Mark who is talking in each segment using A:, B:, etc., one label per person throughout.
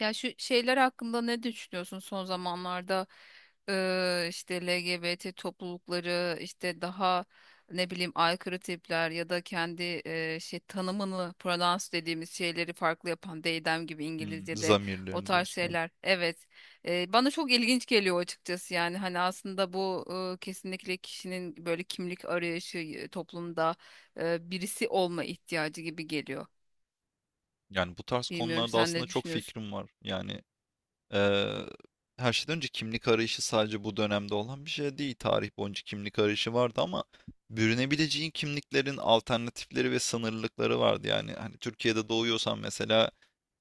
A: Ya şu şeyler hakkında ne düşünüyorsun son zamanlarda? İşte LGBT toplulukları, işte daha ne bileyim aykırı tipler ya da kendi şey tanımını, pronouns dediğimiz şeyleri farklı yapan they them gibi
B: Hımm,
A: İngilizce'de o
B: zamirlerin
A: tarz
B: diyorsun, evet.
A: şeyler. Evet. Bana çok ilginç geliyor açıkçası. Yani hani aslında bu kesinlikle kişinin böyle kimlik arayışı, toplumda birisi olma ihtiyacı gibi geliyor.
B: Yani bu tarz
A: Bilmiyorum,
B: konularda
A: sen
B: aslında
A: ne
B: çok
A: düşünüyorsun?
B: fikrim var. Yani, Eee, her şeyden önce kimlik arayışı sadece bu dönemde olan bir şey değil. Tarih boyunca kimlik arayışı vardı ama bürünebileceğin kimliklerin alternatifleri ve sınırlılıkları vardı. Yani hani Türkiye'de doğuyorsan mesela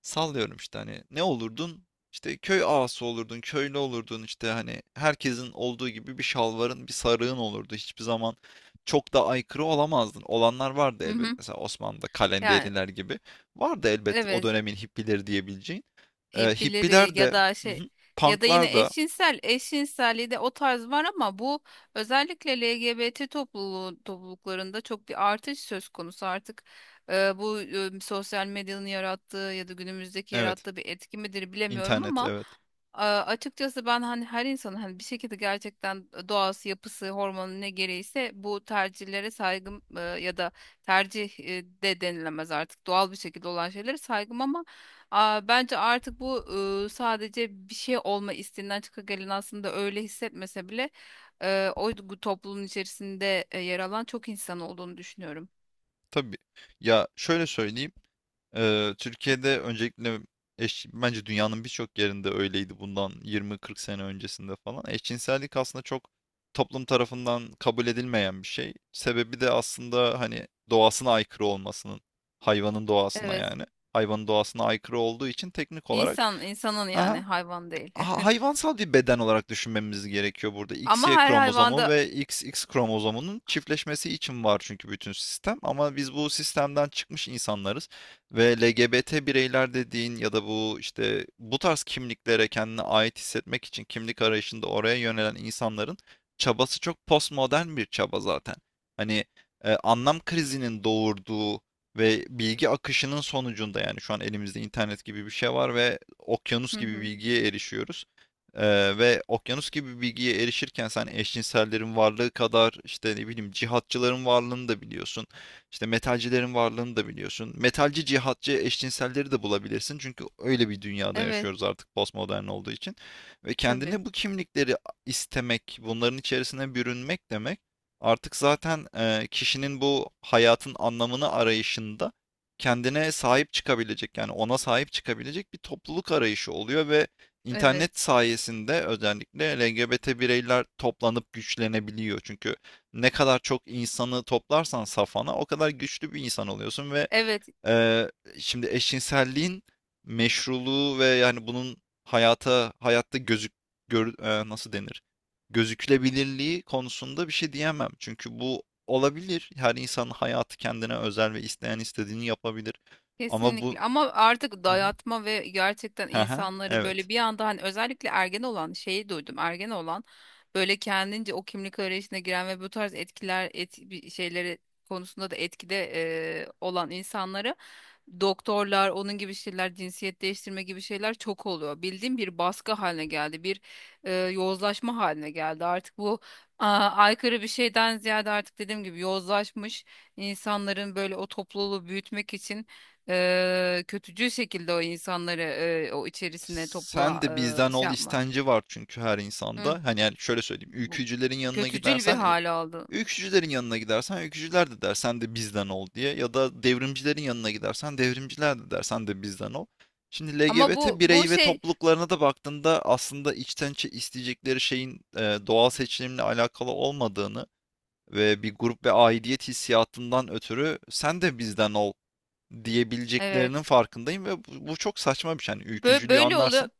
B: sallıyorum işte hani ne olurdun? İşte köy ağası olurdun, köylü olurdun, işte hani herkesin olduğu gibi bir şalvarın, bir sarığın olurdu. Hiçbir zaman çok da aykırı olamazdın. Olanlar vardı
A: Hı hı.
B: elbet. Mesela Osmanlı'da
A: Yani
B: kalenderiler gibi. Vardı elbet, o
A: evet.
B: dönemin hippileri diyebileceğin.
A: Hippileri
B: Hippiler
A: ya
B: de.
A: da
B: Hı
A: şey,
B: hı.
A: ya da
B: Punk'lar
A: yine
B: da,
A: eşcinsel eşcinselliği de o tarz var ama bu özellikle LGBT topluluklarında çok bir artış söz konusu artık. Bu sosyal medyanın yarattığı ya da günümüzdeki
B: evet.
A: yarattığı bir etki midir bilemiyorum
B: internet
A: ama
B: evet.
A: Açıkçası ben hani her insanın, hani bir şekilde gerçekten doğası, yapısı, hormonu ne gereğiyse bu tercihlere saygım, ya da tercih de denilemez artık, doğal bir şekilde olan şeylere saygım. Ama bence artık bu sadece bir şey olma isteğinden çıkagelen, aslında öyle hissetmese bile o toplumun içerisinde yer alan çok insan olduğunu düşünüyorum.
B: Tabii. Ya şöyle söyleyeyim. Eee, Türkiye'de öncelikle, bence dünyanın birçok yerinde öyleydi bundan 20-40 sene öncesinde falan. Eşcinsellik aslında çok toplum tarafından kabul edilmeyen bir şey. Sebebi de aslında hani doğasına aykırı olmasının. Hayvanın doğasına
A: Evet.
B: yani. Hayvanın doğasına aykırı olduğu için teknik olarak
A: İnsan, insanın, yani
B: ha
A: hayvan değil.
B: hayvansal bir beden olarak düşünmemiz gerekiyor burada.
A: Ama
B: XY
A: her
B: kromozomu
A: hayvanda.
B: ve XX kromozomunun çiftleşmesi için var çünkü bütün sistem. Ama biz bu sistemden çıkmış insanlarız ve LGBT bireyler dediğin ya da bu işte bu tarz kimliklere kendine ait hissetmek için kimlik arayışında oraya yönelen insanların çabası çok postmodern bir çaba zaten. Hani, anlam krizinin doğurduğu ve bilgi akışının sonucunda yani şu an elimizde internet gibi bir şey var ve okyanus
A: Hı
B: gibi
A: hı.
B: bilgiye erişiyoruz. Ve okyanus gibi bilgiye erişirken sen eşcinsellerin varlığı kadar işte ne bileyim cihatçıların varlığını da biliyorsun. İşte metalcilerin varlığını da biliyorsun. Metalci, cihatçı, eşcinselleri de bulabilirsin. Çünkü öyle bir dünyada
A: Evet,
B: yaşıyoruz artık postmodern olduğu için. Ve
A: tabii.
B: kendine bu kimlikleri istemek, bunların içerisine bürünmek demek, artık zaten, kişinin bu hayatın anlamını arayışında kendine sahip çıkabilecek, yani ona sahip çıkabilecek bir topluluk arayışı oluyor ve internet
A: Evet.
B: sayesinde özellikle LGBT bireyler toplanıp güçlenebiliyor. Çünkü ne kadar çok insanı toplarsan safana o kadar güçlü bir insan oluyorsun ve
A: Evet.
B: Eee, şimdi eşcinselliğin meşruluğu ve yani bunun hayatta nasıl denir? Gözükülebilirliği konusunda bir şey diyemem. Çünkü bu olabilir. Her insanın hayatı kendine özel ve isteyen istediğini yapabilir. Ama bu.
A: Kesinlikle ama artık
B: Hı hı.
A: dayatma ve gerçekten
B: Hı hı,
A: insanları
B: evet.
A: böyle bir anda, hani özellikle ergen olan, şeyi duydum, ergen olan böyle kendince o kimlik arayışına giren ve bu tarz etkiler bir şeyleri konusunda da etkide olan insanları, doktorlar onun gibi şeyler, cinsiyet değiştirme gibi şeyler çok oluyor bildiğim, bir baskı haline geldi, bir yozlaşma haline geldi artık bu. Aykırı bir şeyden ziyade artık, dediğim gibi, yozlaşmış insanların böyle o topluluğu büyütmek için kötücül şekilde o insanları, o içerisine
B: Sen
A: topluma
B: de bizden
A: şey
B: ol
A: yapma.
B: istenci var çünkü her
A: Hı,
B: insanda. Hani yani şöyle söyleyeyim.
A: Bu
B: Ülkücülerin yanına
A: kötücül bir
B: gidersen,
A: hal aldı.
B: öykücülerin yanına gidersen öykücüler de der sen de bizden ol diye, ya da devrimcilerin yanına gidersen devrimciler de der sen de bizden ol. Şimdi
A: Ama bu
B: LGBT
A: bu
B: birey ve
A: şey,
B: topluluklarına da baktığında aslında içten içe isteyecekleri şeyin, doğal seçilimle alakalı olmadığını ve bir grup ve aidiyet hissiyatından ötürü sen de bizden ol
A: evet
B: diyebileceklerinin farkındayım ve bu çok saçma bir şey. Yani
A: böyle,
B: ülkücülüğü
A: böyle oluyor.
B: anlarsın,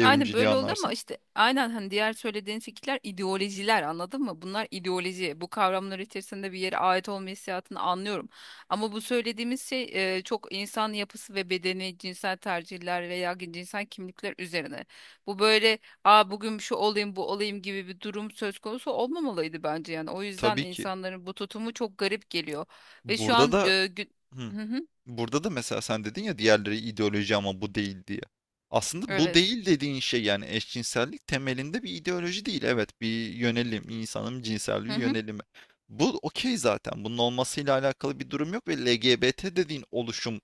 A: Aynen böyle oldu ama
B: anlarsın.
A: işte aynen, hani diğer söylediğin fikirler, ideolojiler, anladın mı? Bunlar ideoloji. Bu kavramlar içerisinde bir yere ait olma hissiyatını anlıyorum. Ama bu söylediğimiz şey çok insan yapısı ve bedeni, cinsel tercihler veya cinsel kimlikler üzerine. Bu böyle bugün şu olayım, bu olayım gibi bir durum söz konusu olmamalıydı bence yani. O yüzden
B: Tabii ki.
A: insanların bu tutumu çok garip geliyor. Ve şu an
B: Burada da. Hı.
A: Hı hı,
B: Burada da mesela sen dedin ya, diğerleri ideoloji ama bu değil diye. Aslında bu
A: evet.
B: değil dediğin şey, yani eşcinsellik, temelinde bir ideoloji değil. Evet, bir yönelim, insanın cinsel bir yönelimi. Bu okey zaten. Bunun olmasıyla alakalı bir durum yok ve LGBT dediğin oluşum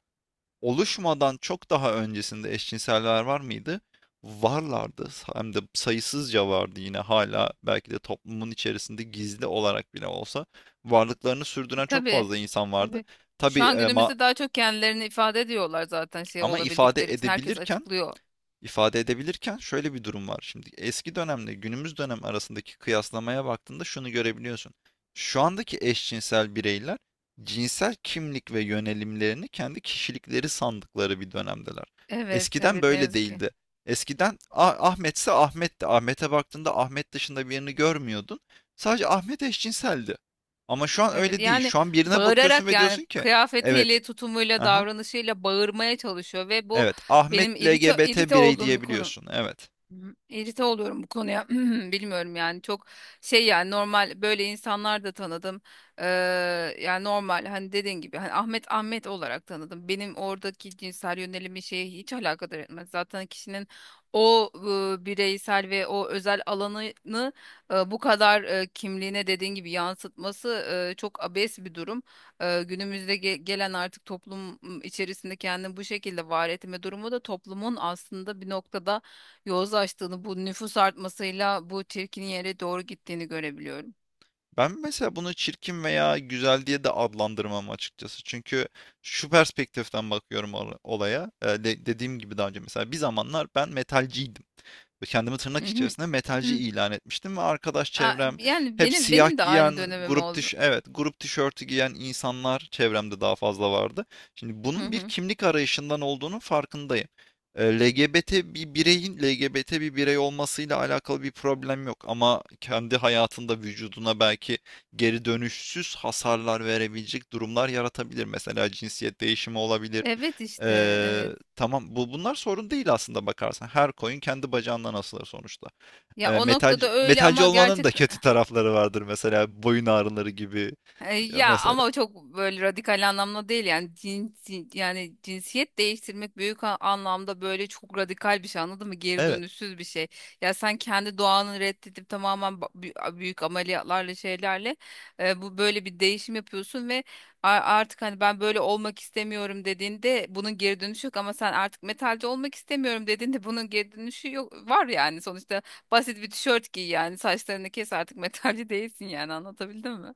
B: oluşmadan çok daha öncesinde eşcinseller var mıydı? Varlardı. Hem de sayısızca vardı, yine hala belki de toplumun içerisinde gizli olarak bile olsa varlıklarını sürdüren çok
A: Tabii.
B: fazla insan vardı.
A: Tabii.
B: Tabii.
A: Şu an günümüzde daha çok kendilerini ifade ediyorlar zaten, şey
B: Ama ifade
A: olabildikleri için. Herkes
B: edebilirken,
A: açıklıyor.
B: ifade edebilirken şöyle bir durum var. Şimdi eski dönemle günümüz dönem arasındaki kıyaslamaya baktığında şunu görebiliyorsun. Şu andaki eşcinsel bireyler cinsel kimlik ve yönelimlerini kendi kişilikleri sandıkları bir dönemdeler.
A: Evet,
B: Eskiden
A: evet, ne
B: böyle
A: yazık ki.
B: değildi. Eskiden, Ahmetse Ahmet'ti." Ahmet'e baktığında Ahmet dışında birini görmüyordun. Sadece Ahmet eşcinseldi. Ama şu an
A: Evet
B: öyle değil.
A: yani,
B: Şu an birine bakıyorsun
A: bağırarak,
B: ve diyorsun
A: yani
B: ki evet.
A: kıyafetiyle, tutumuyla,
B: Aha.
A: davranışıyla bağırmaya çalışıyor ve bu
B: Evet, Ahmet
A: benim irite
B: LGBT
A: irite
B: birey,
A: olduğum bir konu.
B: diyebiliyorsun. Evet.
A: Hı. İrite oluyorum bu konuya. Bilmiyorum yani, çok şey, yani normal böyle insanlar da tanıdım. Ee, Yani normal, hani dediğin gibi, hani Ahmet Ahmet olarak tanıdım. Benim oradaki cinsel yönelimi şeye hiç alakadar etmez. Zaten kişinin o bireysel ve o özel alanını bu kadar kimliğine, dediğin gibi, yansıtması çok abes bir durum. Günümüzde gelen artık toplum içerisinde kendini bu şekilde var etme durumu da toplumun aslında bir noktada yol açtığını, bu nüfus artmasıyla bu çirkin yere doğru gittiğini görebiliyorum.
B: Ben mesela bunu çirkin veya güzel diye de adlandırmam, açıkçası. Çünkü şu perspektiften bakıyorum olaya. Dediğim gibi daha önce mesela bir zamanlar ben metalciydim. Kendimi tırnak
A: Hı hı.
B: içerisinde metalci
A: Hı.
B: ilan etmiştim ve arkadaş
A: Aa,
B: çevrem
A: Yani
B: hep
A: benim
B: siyah
A: benim de
B: giyen,
A: aynı dönemim
B: grup
A: oldu.
B: tiş evet, grup tişörtü giyen insanlar çevremde daha fazla vardı. Şimdi
A: Hı
B: bunun bir
A: hı.
B: kimlik arayışından olduğunun farkındayım. E, LGBT bir bireyin LGBT bir birey olmasıyla alakalı bir problem yok ama kendi hayatında vücuduna belki geri dönüşsüz hasarlar verebilecek durumlar yaratabilir. Mesela cinsiyet değişimi olabilir.
A: Evet işte, evet.
B: Tamam, bu bunlar sorun değil aslında bakarsan. Her coin kendi bacağından asılır sonuçta.
A: Ya o noktada öyle
B: Metalci
A: ama
B: olmanın
A: gerçek
B: da kötü tarafları vardır, mesela boyun ağrıları gibi. Ya
A: Ya
B: mesela.
A: ama o çok böyle radikal anlamda değil. Yani cinsi, yani cinsiyet değiştirmek büyük anlamda böyle çok radikal bir şey, anladın mı? Geri
B: Evet.
A: dönüşsüz bir şey. Ya sen kendi doğanı reddedip tamamen büyük ameliyatlarla şeylerle bu böyle bir değişim yapıyorsun ve artık hani ben böyle olmak istemiyorum dediğinde bunun geri dönüşü yok. Ama sen artık metalci olmak istemiyorum dediğinde bunun geri dönüşü yok, var yani sonuçta. Basit bir tişört giy, yani saçlarını kes, artık metalci değilsin, yani anlatabildim mi?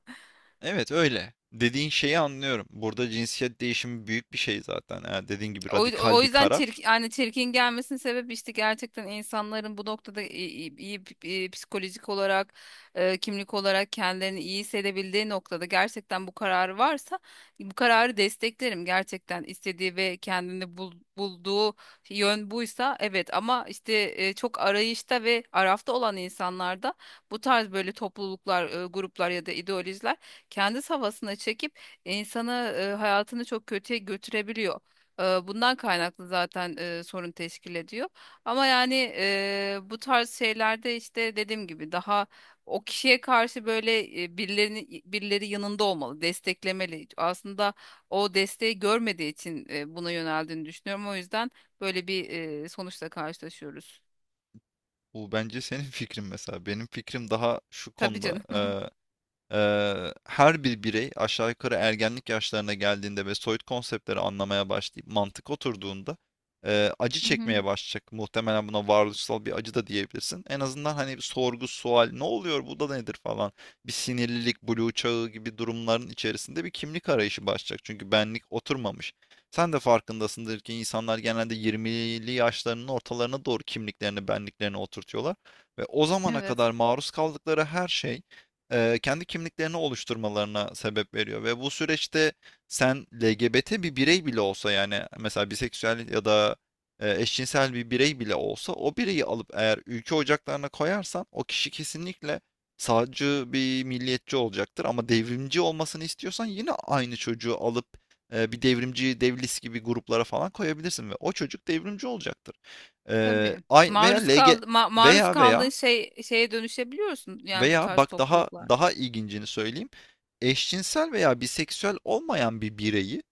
B: Evet, öyle. Dediğin şeyi anlıyorum. Burada cinsiyet değişimi büyük bir şey zaten. Eğer dediğin gibi
A: O,
B: radikal
A: o
B: bir
A: yüzden
B: karar.
A: çirkin, yani çirkin gelmesinin sebebi işte, gerçekten insanların bu noktada iyi, iyi psikolojik olarak, kimlik olarak kendilerini iyi hissedebildiği noktada gerçekten bu kararı varsa bu kararı desteklerim. Gerçekten istediği ve kendini bulduğu yön buysa, evet. Ama işte çok arayışta ve arafta olan insanlarda bu tarz böyle topluluklar, gruplar ya da ideolojiler kendi havasına çekip insanı, hayatını çok kötüye götürebiliyor. Bundan kaynaklı zaten sorun teşkil ediyor. Ama yani bu tarz şeylerde işte dediğim gibi daha o kişiye karşı böyle birileri yanında olmalı, desteklemeli. Aslında o desteği görmediği için buna yöneldiğini düşünüyorum. O yüzden böyle bir sonuçla karşılaşıyoruz.
B: Bu bence senin fikrin mesela. Benim fikrim daha şu
A: Tabii
B: konuda.
A: canım.
B: Her bir birey aşağı yukarı ergenlik yaşlarına geldiğinde ve soyut konseptleri anlamaya başlayıp mantık oturduğunda acı
A: Hı hı.
B: çekmeye başlayacak. Muhtemelen buna varoluşsal bir acı da diyebilirsin. En azından hani bir sorgu, sual, ne oluyor, bu da nedir falan. Bir sinirlilik, blue çağı gibi durumların içerisinde bir kimlik arayışı başlayacak. Çünkü benlik oturmamış. Sen de farkındasındır ki insanlar genelde 20'li yaşlarının ortalarına doğru kimliklerini, benliklerini oturtuyorlar. Ve o zamana
A: Evet.
B: kadar maruz kaldıkları her şey kendi kimliklerini oluşturmalarına sebep veriyor ve bu süreçte sen LGBT bir birey bile olsa, yani mesela biseksüel ya da eşcinsel bir birey bile olsa, o bireyi alıp eğer ülke ocaklarına koyarsan o kişi kesinlikle sağcı bir milliyetçi olacaktır, ama devrimci olmasını istiyorsan yine aynı çocuğu alıp bir devrimci devlis gibi gruplara falan koyabilirsin ve o çocuk devrimci olacaktır.
A: Tabii.
B: Ay veya
A: Maruz
B: LG
A: kal, maruz
B: veya
A: kaldığın
B: veya
A: şey şeye dönüşebiliyorsun, yani bu
B: veya
A: tarz
B: bak, daha
A: topluluklar.
B: daha ilgincini söyleyeyim. Eşcinsel veya biseksüel olmayan bir bireyi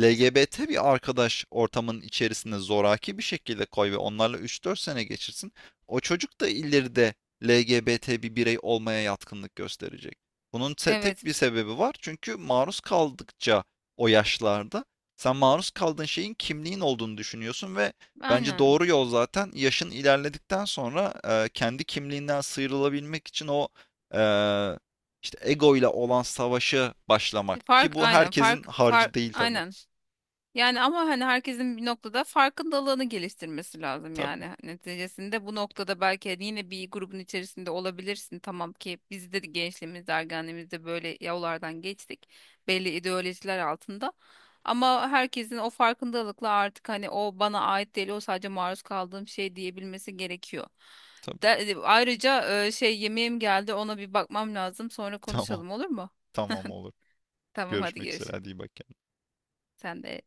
B: LGBT bir arkadaş ortamının içerisinde zoraki bir şekilde koy ve onlarla 3-4 sene geçirsin. O çocuk da ileride LGBT bir birey olmaya yatkınlık gösterecek. Bunun tek
A: Evet,
B: bir sebebi var. Çünkü maruz kaldıkça, o yaşlarda sen maruz kaldığın şeyin kimliğin olduğunu düşünüyorsun ve bence
A: aynen.
B: doğru yol zaten yaşın ilerledikten sonra, kendi kimliğinden sıyrılabilmek için o, e, işte ego ile olan savaşı başlamak, ki
A: Fark
B: bu
A: aynen,
B: herkesin
A: fark
B: harcı
A: fark
B: değil tabii.
A: aynen. Yani ama hani herkesin bir noktada farkındalığını geliştirmesi lazım yani.
B: Tabii,
A: Hani neticesinde bu noktada belki hani yine bir grubun içerisinde olabilirsin. Tamam ki biz de gençliğimizde, ergenliğimizde böyle yollardan geçtik. Belli ideolojiler altında. Ama herkesin o farkındalıkla artık hani o bana ait değil, o sadece maruz kaldığım şey diyebilmesi gerekiyor.
B: tabii.
A: Ayrıca şey, yemeğim geldi, ona bir bakmam lazım. Sonra
B: Tamam,
A: konuşalım, olur mu?
B: tamam olur.
A: Tamam, hadi
B: Görüşmek üzere.
A: görüşürüz.
B: Hadi iyi bak kendine.
A: Sen de